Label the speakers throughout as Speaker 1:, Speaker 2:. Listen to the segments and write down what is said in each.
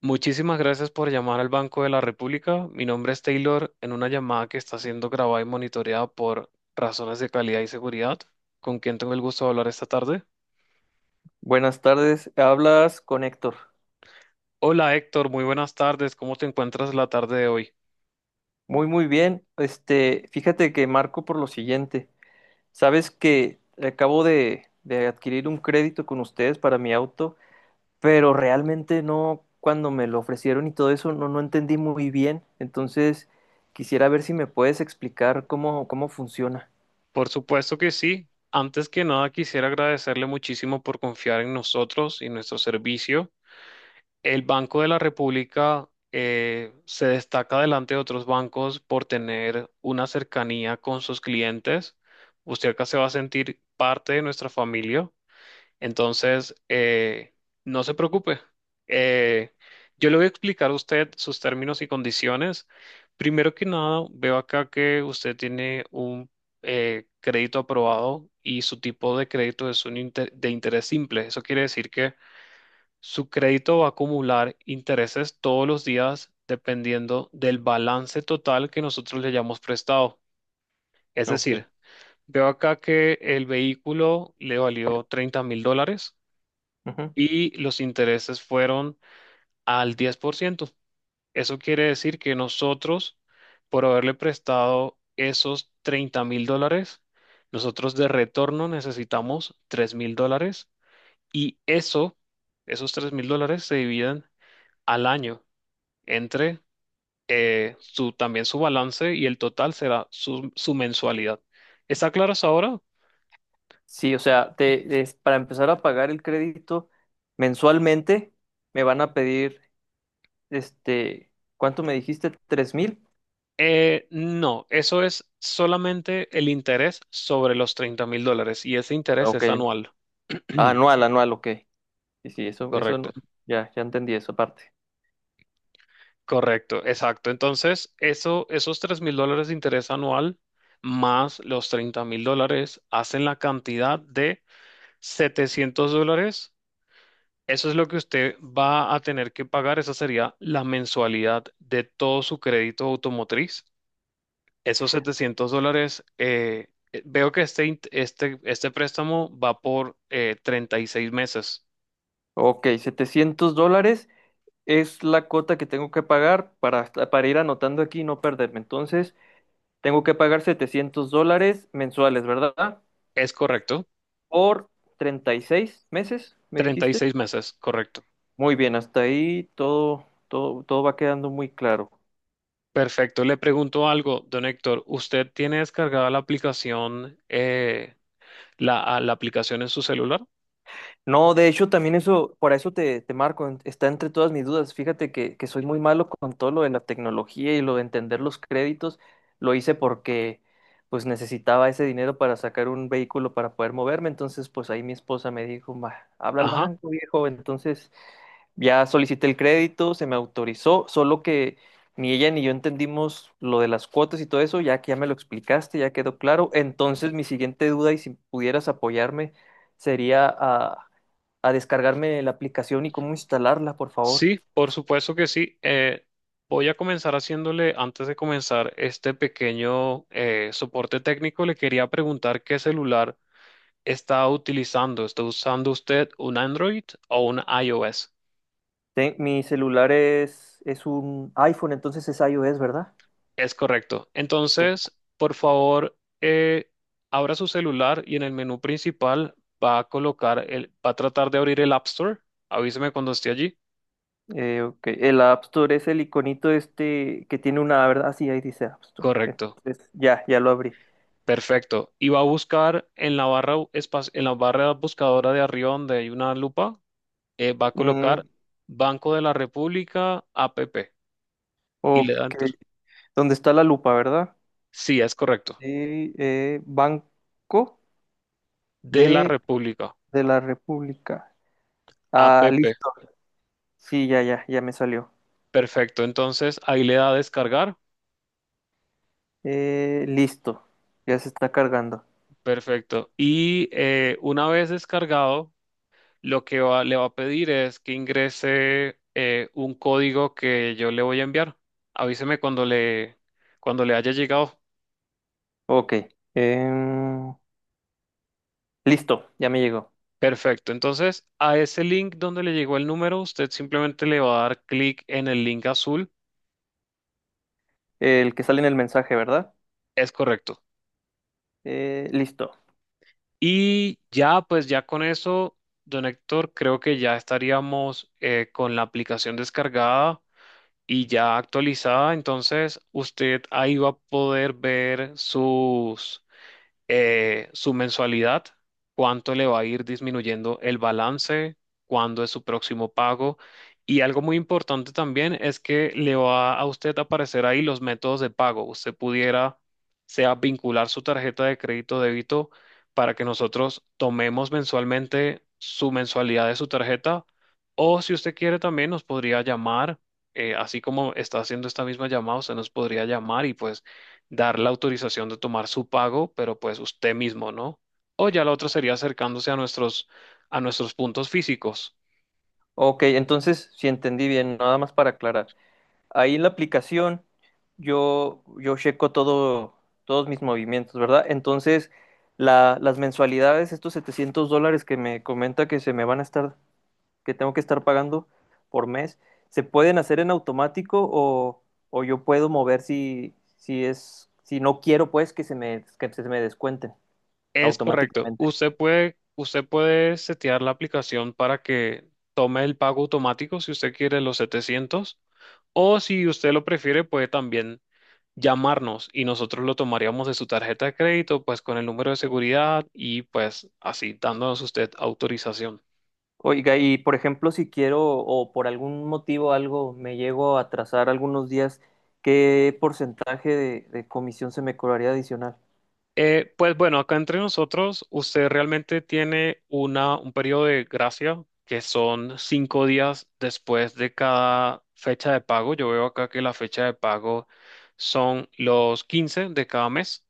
Speaker 1: Muchísimas gracias por llamar al Banco de la República. Mi nombre es Taylor en una llamada que está siendo grabada y monitoreada por razones de calidad y seguridad. ¿Con quién tengo el gusto de hablar esta tarde?
Speaker 2: Buenas tardes, hablas con Héctor.
Speaker 1: Hola Héctor, muy buenas tardes. ¿Cómo te encuentras la tarde de hoy?
Speaker 2: Muy, muy bien. Fíjate que marco por lo siguiente. Sabes que acabo de adquirir un crédito con ustedes para mi auto, pero realmente no, cuando me lo ofrecieron y todo eso, no, no entendí muy bien. Entonces, quisiera ver si me puedes explicar cómo funciona.
Speaker 1: Por supuesto que sí. Antes que nada, quisiera agradecerle muchísimo por confiar en nosotros y nuestro servicio. El Banco de la República se destaca delante de otros bancos por tener una cercanía con sus clientes. Usted acá se va a sentir parte de nuestra familia. Entonces, no se preocupe. Eh, yo le voy a explicar a usted sus términos y condiciones. Primero que nada, veo acá que usted tiene un crédito aprobado y su tipo de crédito es un de interés simple. Eso quiere decir que su crédito va a acumular intereses todos los días dependiendo del balance total que nosotros le hayamos prestado. Es
Speaker 2: Ok.
Speaker 1: decir, veo acá que el vehículo le valió $30.000
Speaker 2: Ujú.
Speaker 1: y los intereses fueron al 10%. Eso quiere decir que nosotros, por haberle prestado esos $30.000, nosotros de retorno necesitamos $3.000 y eso, esos $3.000 se dividen al año, entre también su balance, y el total será su mensualidad. ¿Está claro hasta ahora?
Speaker 2: Sí, o sea, para empezar a pagar el crédito mensualmente, me van a pedir. Este, ¿Cuánto me dijiste? ¿Tres mil?
Speaker 1: No, eso es solamente el interés sobre los $30.000 y ese interés
Speaker 2: Ok.
Speaker 1: es anual.
Speaker 2: Anual, anual, ok. Sí, sí, eso no-
Speaker 1: Correcto,
Speaker 2: ya entendí esa parte.
Speaker 1: correcto, exacto. Entonces, esos 3 mil dólares de interés anual más los $30.000 hacen la cantidad de $700. Eso es lo que usted va a tener que pagar, esa sería la mensualidad de todo su crédito automotriz. Esos $700, veo que este préstamo va por 36 meses,
Speaker 2: Ok, $700 es la cuota que tengo que pagar para ir anotando aquí y no perderme. Entonces, tengo que pagar $700 mensuales, ¿verdad?
Speaker 1: ¿es correcto?
Speaker 2: Por 36 meses, me
Speaker 1: Treinta y
Speaker 2: dijiste.
Speaker 1: seis meses, correcto.
Speaker 2: Muy bien, hasta ahí todo, todo, todo va quedando muy claro.
Speaker 1: Perfecto, le pregunto algo, don Héctor, ¿usted tiene descargada la aplicación a la aplicación en su celular?
Speaker 2: No, de hecho, también eso, por eso te marco, está entre todas mis dudas. Fíjate que soy muy malo con todo lo de la tecnología y lo de entender los créditos. Lo hice porque pues necesitaba ese dinero para sacar un vehículo para poder moverme. Entonces, pues ahí mi esposa me dijo, "Ma, habla al
Speaker 1: Ajá,
Speaker 2: banco, viejo". Entonces, ya solicité el crédito, se me autorizó, solo que ni ella ni yo entendimos lo de las cuotas y todo eso, ya que ya me lo explicaste, ya quedó claro. Entonces, mi siguiente duda, y si pudieras apoyarme, sería a descargarme la aplicación y cómo instalarla, por favor.
Speaker 1: sí, por supuesto que sí. Voy a comenzar haciéndole, antes de comenzar este pequeño soporte técnico, le quería preguntar qué celular está utilizando. ¿Está usando usted un Android o un iOS?
Speaker 2: Te- mi celular es un iPhone, entonces es iOS, ¿verdad?
Speaker 1: Es correcto.
Speaker 2: Sí.
Speaker 1: Entonces, por favor, abra su celular y en el menú principal va a tratar de abrir el App Store. Avíseme cuando esté allí.
Speaker 2: Ok, el App Store es el iconito este que tiene una, ¿verdad? Ah, sí, ahí dice App Store.
Speaker 1: Correcto.
Speaker 2: Entonces, ya lo abrí.
Speaker 1: Perfecto. Y va a buscar en la en la barra buscadora de arriba donde hay una lupa, va a colocar
Speaker 2: Mm,
Speaker 1: Banco de la República app y le
Speaker 2: ok.
Speaker 1: da enter.
Speaker 2: ¿Dónde está la lupa, ¿verdad?
Speaker 1: Sí, es correcto.
Speaker 2: De Banco
Speaker 1: De la
Speaker 2: de,
Speaker 1: República
Speaker 2: de la República.
Speaker 1: app.
Speaker 2: Ah, listo. Sí, ya me salió.
Speaker 1: Perfecto. Entonces, ahí le da a descargar.
Speaker 2: Listo. Ya se está cargando.
Speaker 1: Perfecto. Y una vez descargado, lo le va a pedir es que ingrese un código que yo le voy a enviar. Avíseme cuando le haya llegado.
Speaker 2: Ok. Em, listo, ya me llegó.
Speaker 1: Perfecto. Entonces, a ese link donde le llegó el número, usted simplemente le va a dar clic en el link azul.
Speaker 2: El que sale en el mensaje, ¿verdad?
Speaker 1: Es correcto.
Speaker 2: Listo.
Speaker 1: Y ya, pues ya con eso, don Héctor, creo que ya estaríamos con la aplicación descargada y ya actualizada. Entonces usted ahí va a poder ver su mensualidad, cuánto le va a ir disminuyendo el balance, cuándo es su próximo pago. Y algo muy importante también es que le va a usted aparecer ahí los métodos de pago. Usted pudiera, sea vincular su tarjeta de crédito o débito para que nosotros tomemos mensualmente su mensualidad de su tarjeta. O si usted quiere también nos podría llamar, así como está haciendo esta misma llamada, usted nos podría llamar y pues dar la autorización de tomar su pago, pero pues usted mismo, ¿no? O ya la otra sería acercándose a nuestros puntos físicos.
Speaker 2: Ok, entonces, si entendí bien, nada más para aclarar. Ahí en la aplicación yo checo todo, todos mis movimientos, ¿verdad? Entonces, las mensualidades, estos $700 que me comenta que se me que tengo que estar pagando por mes, ¿se pueden hacer en automático o yo puedo mover si no quiero, pues, que se me descuenten
Speaker 1: Es correcto.
Speaker 2: automáticamente?
Speaker 1: Usted puede setear la aplicación para que tome el pago automático si usted quiere los 700, o si usted lo prefiere puede también llamarnos y nosotros lo tomaríamos de su tarjeta de crédito, pues con el número de seguridad y pues así dándonos usted autorización.
Speaker 2: Oiga, y por ejemplo, si quiero o por algún motivo algo me llego a atrasar algunos días, ¿qué porcentaje de comisión se me cobraría adicional?
Speaker 1: Pues bueno, acá entre nosotros, usted realmente tiene un periodo de gracia que son 5 días después de cada fecha de pago. Yo veo acá que la fecha de pago son los 15 de cada mes.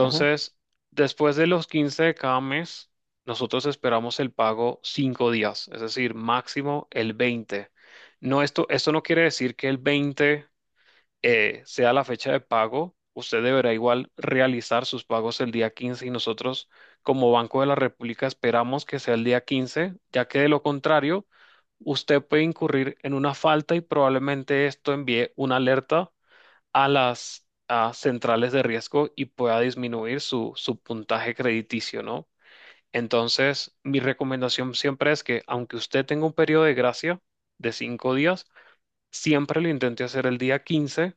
Speaker 2: Ujú.
Speaker 1: después de los 15 de cada mes, nosotros esperamos el pago 5 días, es decir, máximo el 20. No, esto no quiere decir que el 20 sea la fecha de pago, usted deberá igual realizar sus pagos el día 15 y nosotros como Banco de la República esperamos que sea el día 15, ya que de lo contrario, usted puede incurrir en una falta y probablemente esto envíe una alerta a las a centrales de riesgo y pueda disminuir su puntaje crediticio, ¿no? Entonces, mi recomendación siempre es que aunque usted tenga un periodo de gracia de 5 días, siempre lo intente hacer el día 15,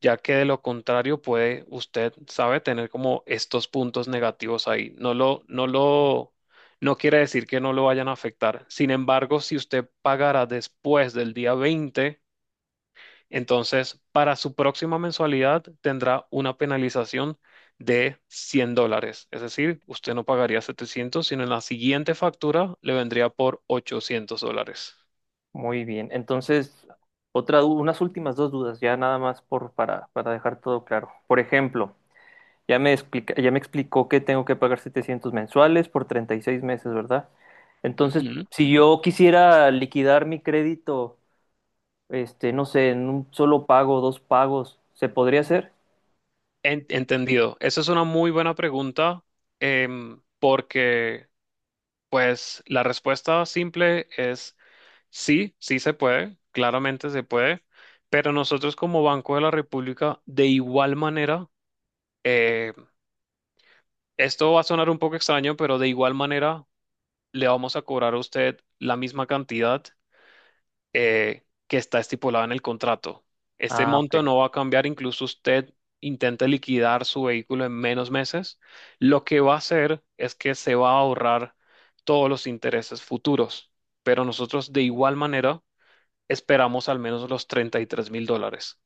Speaker 1: ya que de lo contrario puede usted, sabe, tener como estos puntos negativos ahí. No quiere decir que no lo vayan a afectar. Sin embargo, si usted pagara después del día 20, entonces para su próxima mensualidad tendrá una penalización de $100. Es decir, usted no pagaría 700 sino en la siguiente factura le vendría por $800.
Speaker 2: Muy bien. Entonces, unas últimas dos dudas, ya nada más para dejar todo claro. Por ejemplo, ya me explica, ya me explicó que tengo que pagar 700 mensuales por 36 meses, ¿verdad? Entonces,
Speaker 1: Ujú.
Speaker 2: si yo quisiera liquidar mi crédito, este, no sé, en un solo pago, dos pagos, ¿se podría hacer?
Speaker 1: Entendido. Esa es una muy buena pregunta. Porque pues la respuesta simple es sí, sí se puede, claramente se puede, pero nosotros como Banco de la República, de igual manera, eh, esto va a sonar un poco extraño, pero de igual manera le vamos a cobrar a usted la misma cantidad que está estipulado en el contrato. Este
Speaker 2: Ah, ok.
Speaker 1: monto no va a cambiar incluso usted intente liquidar su vehículo en menos meses. Lo que va a hacer es que se va a ahorrar todos los intereses futuros, pero nosotros de igual manera esperamos al menos los $33.000.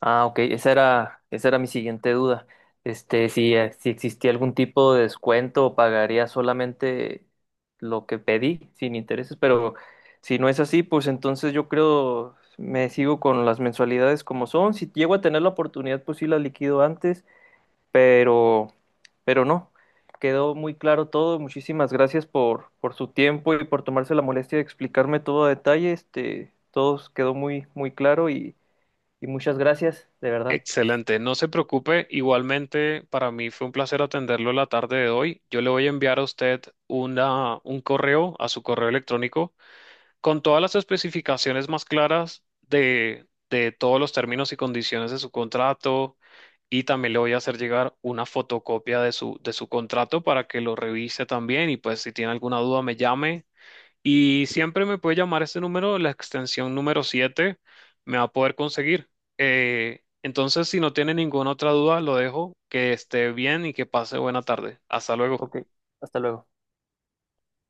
Speaker 2: Ah, ok. Esa era mi siguiente duda. Este, si existía algún tipo de descuento o pagaría solamente lo que pedí sin intereses, pero si no es así, pues entonces yo creo me sigo con las mensualidades como son. Si llego a tener la oportunidad, pues sí la liquido antes, pero, pero, no. Quedó muy claro todo. Muchísimas gracias por su tiempo y por tomarse la molestia de explicarme todo a detalle. Todo quedó muy, muy claro y Y muchas gracias, de verdad.
Speaker 1: Excelente, no se preocupe. Igualmente, para mí fue un placer atenderlo la tarde de hoy. Yo le voy a enviar a usted un correo a su correo electrónico con todas las especificaciones más claras de todos los términos y condiciones de su contrato, y también le voy a hacer llegar una fotocopia de de su contrato para que lo revise también y pues si tiene alguna duda me llame, y siempre me puede llamar este número, la extensión número 7 me va a poder conseguir. Entonces, si no tiene ninguna otra duda, lo dejo, que esté bien y que pase buena tarde. Hasta luego.
Speaker 2: Ok, hasta luego.